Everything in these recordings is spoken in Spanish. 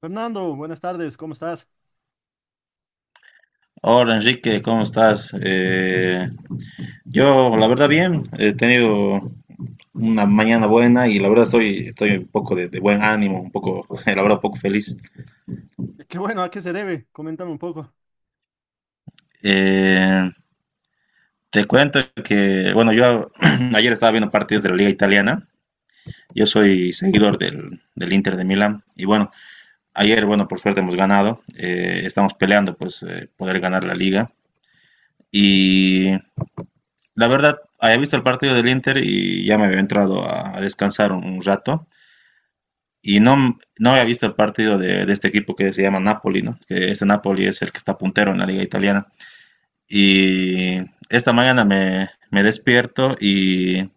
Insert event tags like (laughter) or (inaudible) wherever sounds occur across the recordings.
Fernando, buenas tardes, ¿cómo estás? Hola Enrique, ¿cómo estás? Yo, la verdad, bien, he tenido una mañana buena y la verdad estoy un poco de buen ánimo, un poco, (laughs) la verdad, un poco feliz. Qué bueno, ¿a qué se debe? Coméntame un poco. Eh, Te cuento que, bueno, yo (clears throat) ayer estaba viendo partidos de la Liga Italiana. Yo soy seguidor del Inter de Milán y bueno, ayer, bueno, por suerte hemos ganado. Estamos peleando pues poder ganar la liga. Y la verdad, había visto el partido del Inter y ya me había entrado a descansar un rato. Y no, no había visto el partido de este equipo que se llama Napoli, ¿no? Que este Napoli es el que está puntero en la liga italiana. Y esta mañana me despierto y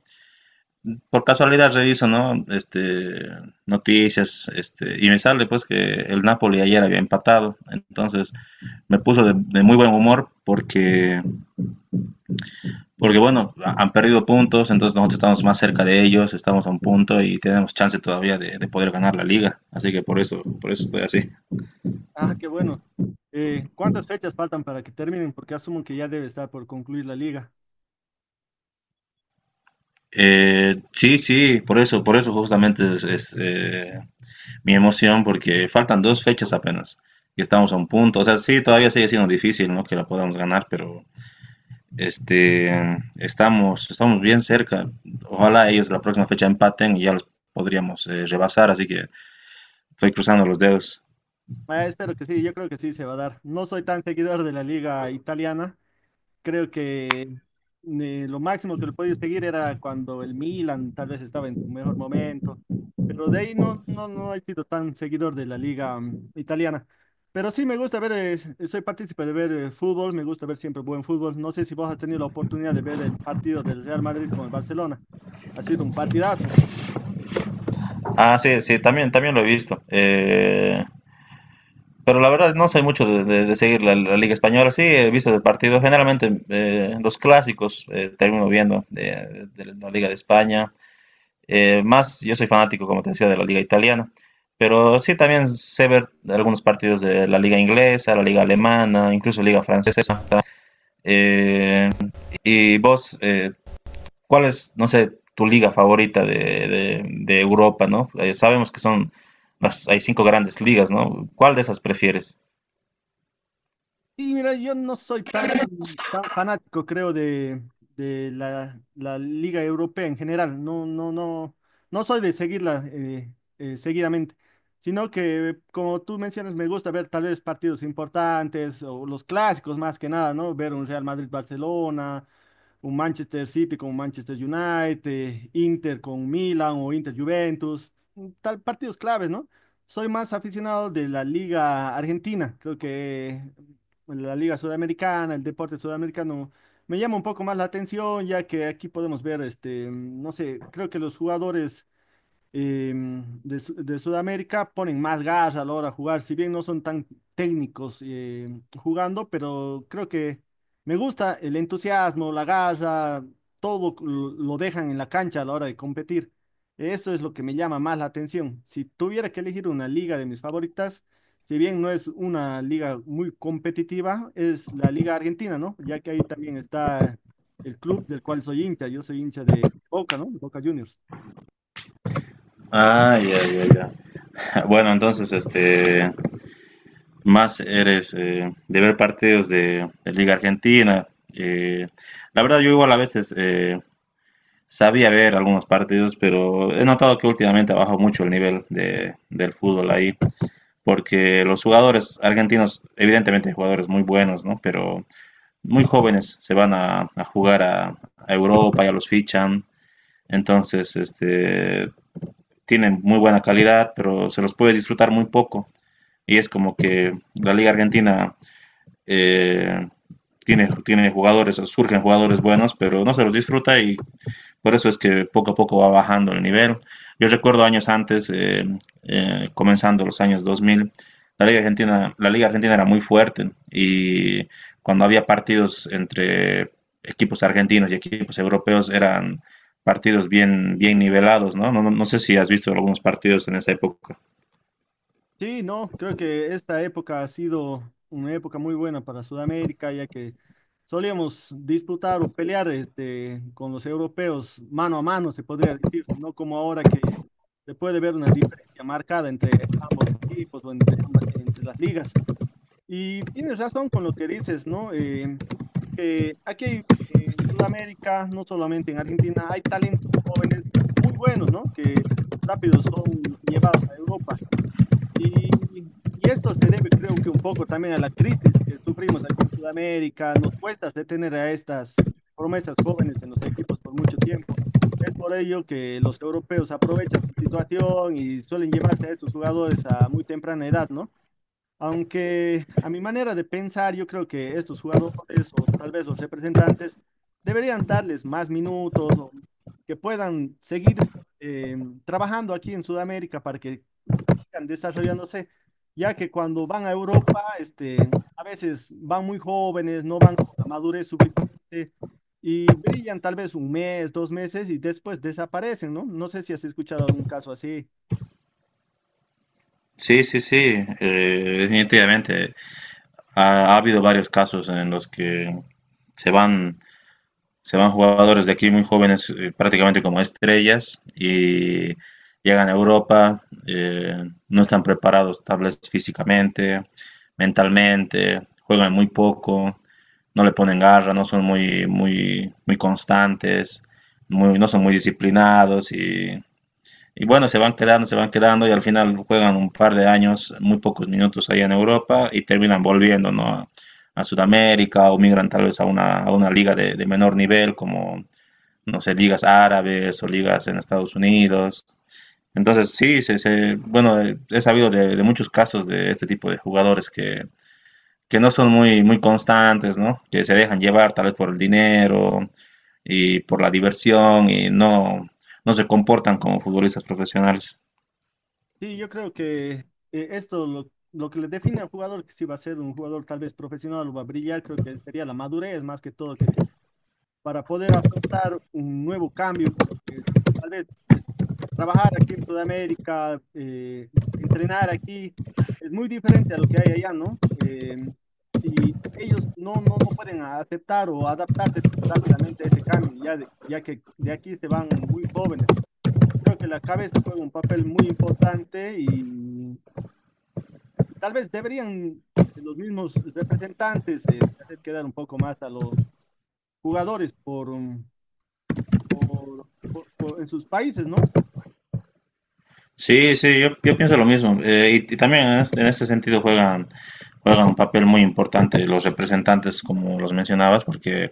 por casualidad reviso, ¿no? Noticias, y me sale pues que el Napoli ayer había empatado. Entonces me puso de muy buen humor porque bueno, han perdido puntos, entonces nosotros estamos más cerca de ellos, estamos a un punto y tenemos chance todavía de poder ganar la liga. Así que por eso estoy así. Ah, qué bueno. ¿Cuántas fechas faltan para que terminen? Porque asumo que ya debe estar por concluir la liga. Sí, sí, por eso justamente mi emoción, porque faltan dos fechas apenas y estamos a un punto. O sea, sí, todavía sigue siendo difícil, ¿no? Que la podamos ganar, pero este, estamos bien cerca. Ojalá ellos la próxima fecha empaten y ya los podríamos rebasar, así que estoy cruzando los dedos. Ah, espero que sí, yo creo que sí se va a dar. No soy tan seguidor de la liga italiana. Creo que lo máximo que lo podía seguir era cuando el Milan tal vez estaba en su mejor momento, pero de ahí no he sido tan seguidor de la liga italiana. Pero sí me gusta ver, soy partícipe de ver fútbol, me gusta ver siempre buen fútbol. No sé si vos has tenido la oportunidad de ver el partido del Real Madrid con el Barcelona. Ha sido un partidazo. Ah, sí, sí, también, también lo he visto. Pero la verdad no soy mucho de seguir la Liga Española. Sí, he visto el partido. Generalmente los clásicos termino viendo de la Liga de España. Más, yo soy fanático, como te decía, de la Liga Italiana. Pero sí, también sé ver algunos partidos de la Liga Inglesa, la Liga Alemana, incluso Liga Francesa. Eh, ¿Y vos, cuál es, no sé, tu liga favorita de, de Europa, ¿no? Sabemos que son hay cinco grandes ligas, ¿no? ¿Cuál de esas prefieres? Y mira, yo no soy tan, tan fanático, creo, de la Liga Europea en general. No, no, no, no soy de seguirla seguidamente, sino que, como tú mencionas, me gusta ver tal vez partidos importantes o los clásicos más que nada, ¿no? Ver un Real Madrid-Barcelona, un Manchester City con Manchester United, Inter con Milan o Inter-Juventus, tal partidos claves, ¿no? Soy más aficionado de la Liga Argentina, creo que bueno, la Liga Sudamericana, el deporte sudamericano, me llama un poco más la atención, ya que aquí podemos ver, este, no sé, creo que los jugadores de Sudamérica ponen más gas a la hora de jugar, si bien no son tan técnicos jugando, pero creo que me gusta el entusiasmo, la garra, todo lo dejan en la cancha a la hora de competir. Eso es lo que me llama más la atención. Si tuviera que elegir una liga de mis favoritas, si bien no es una liga muy competitiva, es la liga argentina, ¿no? Ya que ahí también está el club del cual soy hincha, yo soy hincha de Boca, ¿no? Boca Juniors. Ah, ya, ya, ya. (laughs) Bueno, entonces, más eres de ver partidos de Liga Argentina. Eh, la verdad, yo igual a veces sabía ver algunos partidos, pero he notado que últimamente ha bajado mucho el nivel del fútbol ahí, porque los jugadores argentinos, evidentemente, hay jugadores muy buenos, ¿no? Pero muy jóvenes se van a jugar a Europa, ya los fichan, entonces este, tienen muy buena calidad, pero se los puede disfrutar muy poco. Y es como que la Liga Argentina eh, tiene jugadores, surgen jugadores buenos, pero no se los disfruta y por eso es que poco a poco va bajando el nivel. Yo recuerdo años antes, comenzando los años 2000, la Liga Argentina era muy fuerte y cuando había partidos entre equipos argentinos y equipos europeos eran partidos bien, bien nivelados, ¿no? No, no, no sé si has visto algunos partidos en esa época. Sí, no, creo que esta época ha sido una época muy buena para Sudamérica, ya que solíamos disputar o pelear este, con los europeos mano a mano, se podría decir, no como ahora que se puede ver una diferencia marcada entre ambos equipos o entre ambas, entre las ligas. Y tienes razón con lo que dices, ¿no? Que aquí en Sudamérica, no solamente en Argentina, hay talentos jóvenes muy buenos, ¿no? Que rápido son llevados a Europa. Y esto se debe, creo que un poco también a la crisis que sufrimos aquí en Sudamérica. Nos cuesta detener a estas promesas jóvenes en los equipos por mucho tiempo. Es por ello que los europeos aprovechan su situación y suelen llevarse a estos jugadores a muy temprana edad, ¿no? Aunque a mi manera de pensar, yo creo que estos jugadores o tal vez los representantes deberían darles más minutos o que puedan seguir eh, trabajando aquí en Sudamérica para que sigan desarrollándose, ya que cuando van a Europa, este, a veces van muy jóvenes, no van con la madurez suficiente y brillan tal vez un mes, dos meses y después desaparecen, ¿no? No sé si has escuchado algún caso así. Sí, sí, sí, definitivamente. Ha habido varios casos en los que se van se van jugadores de aquí muy jóvenes, prácticamente como estrellas, y llegan a Europa. eh, no están preparados tal vez físicamente, mentalmente, juegan muy poco, no le ponen garra, no son muy, muy constantes, no son muy disciplinados y bueno, se van quedando y al final juegan un par de años, muy pocos minutos allá en Europa y terminan volviendo, ¿no? A Sudamérica o migran tal vez a una liga de menor nivel como, no sé, ligas árabes o ligas en Estados Unidos. Entonces, sí, bueno, he sabido de muchos casos de este tipo de jugadores que no son muy, muy constantes, ¿no? Que se dejan llevar tal vez por el dinero y por la diversión y no, no se comportan como futbolistas profesionales. Sí, yo creo que lo que le define al jugador, que si va a ser un jugador tal vez profesional o va a brillar, creo que sería la madurez más que todo que tiene para poder afrontar un nuevo cambio, porque tal vez es- trabajar aquí en Sudamérica, entrenar aquí, es muy diferente a lo que hay allá, ¿no? Y ellos no pueden aceptar o adaptarse rápidamente a ese cambio, ya, ya que de aquí se van muy jóvenes. Creo que la cabeza juega un papel muy importante y tal vez deberían los mismos representantes hacer quedar un poco más a los jugadores por, um, por- en sus países, ¿no? Sí, sí, yo pienso lo mismo. Y, y también en este sentido juegan un papel muy importante los representantes, como los mencionabas, porque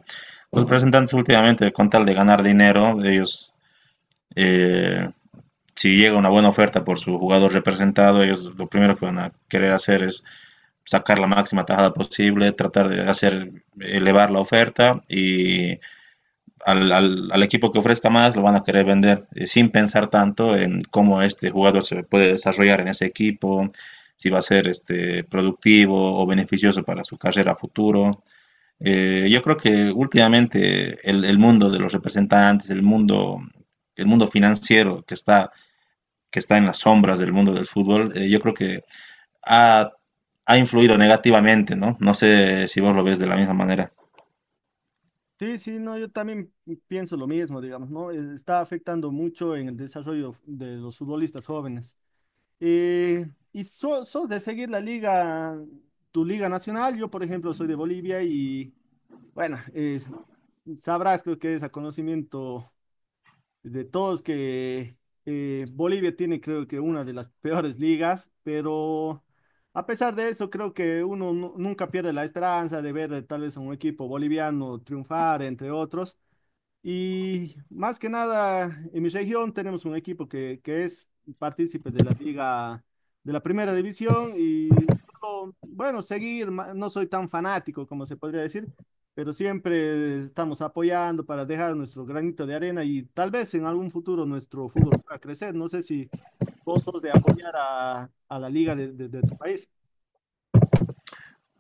los representantes últimamente, con tal de ganar dinero, eh, si llega una buena oferta por su jugador representado, ellos lo primero que van a querer hacer es sacar la máxima tajada posible, tratar de hacer elevar la oferta y al equipo que ofrezca más lo van a querer vender sin pensar tanto en cómo este jugador se puede desarrollar en ese equipo, si va a ser este, productivo o beneficioso para su carrera a futuro. Yo creo que últimamente mundo de los representantes, el mundo financiero que está en las sombras del mundo del fútbol. Yo creo que ha, ha influido negativamente, ¿no? No sé si vos lo ves de la misma manera. Sí, sí, no, yo también pienso lo mismo, digamos, ¿no? Está afectando mucho en el desarrollo de los futbolistas jóvenes. Eh, Sos de seguir la liga, tu liga nacional. Yo por ejemplo soy de Bolivia y bueno, sabrás creo que es a conocimiento de todos que Bolivia tiene creo que una de las peores ligas, pero a pesar de eso creo que uno nunca pierde la esperanza de ver tal vez a un equipo boliviano triunfar, entre otros. Y más que nada, en mi región tenemos un equipo que es partícipe de la liga de la primera división y solo, bueno, seguir, no soy tan fanático como se podría decir, pero siempre estamos apoyando para dejar nuestro granito de arena y tal vez en algún futuro nuestro fútbol pueda crecer. No sé si vos sos de apoyar a la liga de tu país.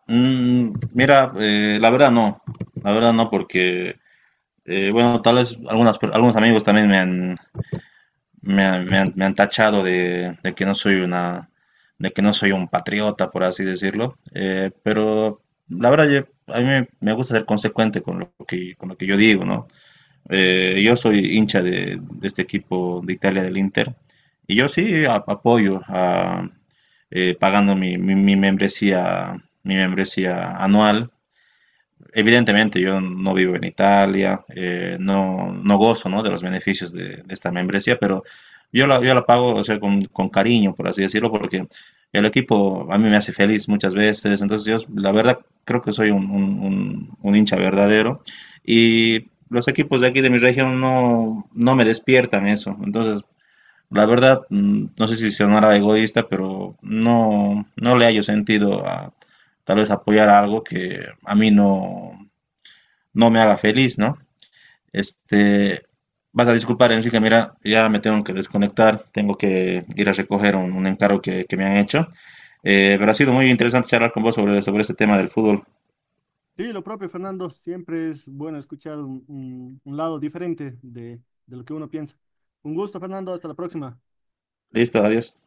Mira, la verdad no, porque, bueno, tal vez algunas, per- algunos amigos también me han, me han tachado de que no soy una, de que no soy un patriota, por así decirlo. Pero la verdad a mí me gusta ser consecuente con lo que yo digo, ¿no? Yo soy hincha de este equipo de Italia, del Inter, y yo sí apoyo pagando mi, mi membresía anual. Evidentemente, yo no vivo en Italia. No, no gozo, ¿no? de los beneficios de esta membresía, pero yo la pago, o sea, con cariño, por así decirlo, porque el equipo a mí me hace feliz muchas veces. Entonces, yo, la verdad, creo que soy un hincha verdadero. Y los equipos de aquí de mi región no, no me despiertan eso. Entonces, la verdad, mm, no sé si sonará egoísta, pero no, no le hallo sentido a tal vez apoyar algo que a mí no, no me haga feliz, ¿no? Este, vas a disculpar, Enrique, mira, ya me tengo que desconectar, tengo que ir a recoger un encargo que me han hecho. Pero ha sido muy interesante charlar con vos sobre, sobre este tema del fútbol. Sí, lo propio, Fernando, siempre es bueno escuchar un, un lado diferente de lo que uno piensa. Un gusto, Fernando, hasta la próxima. Listo, adiós.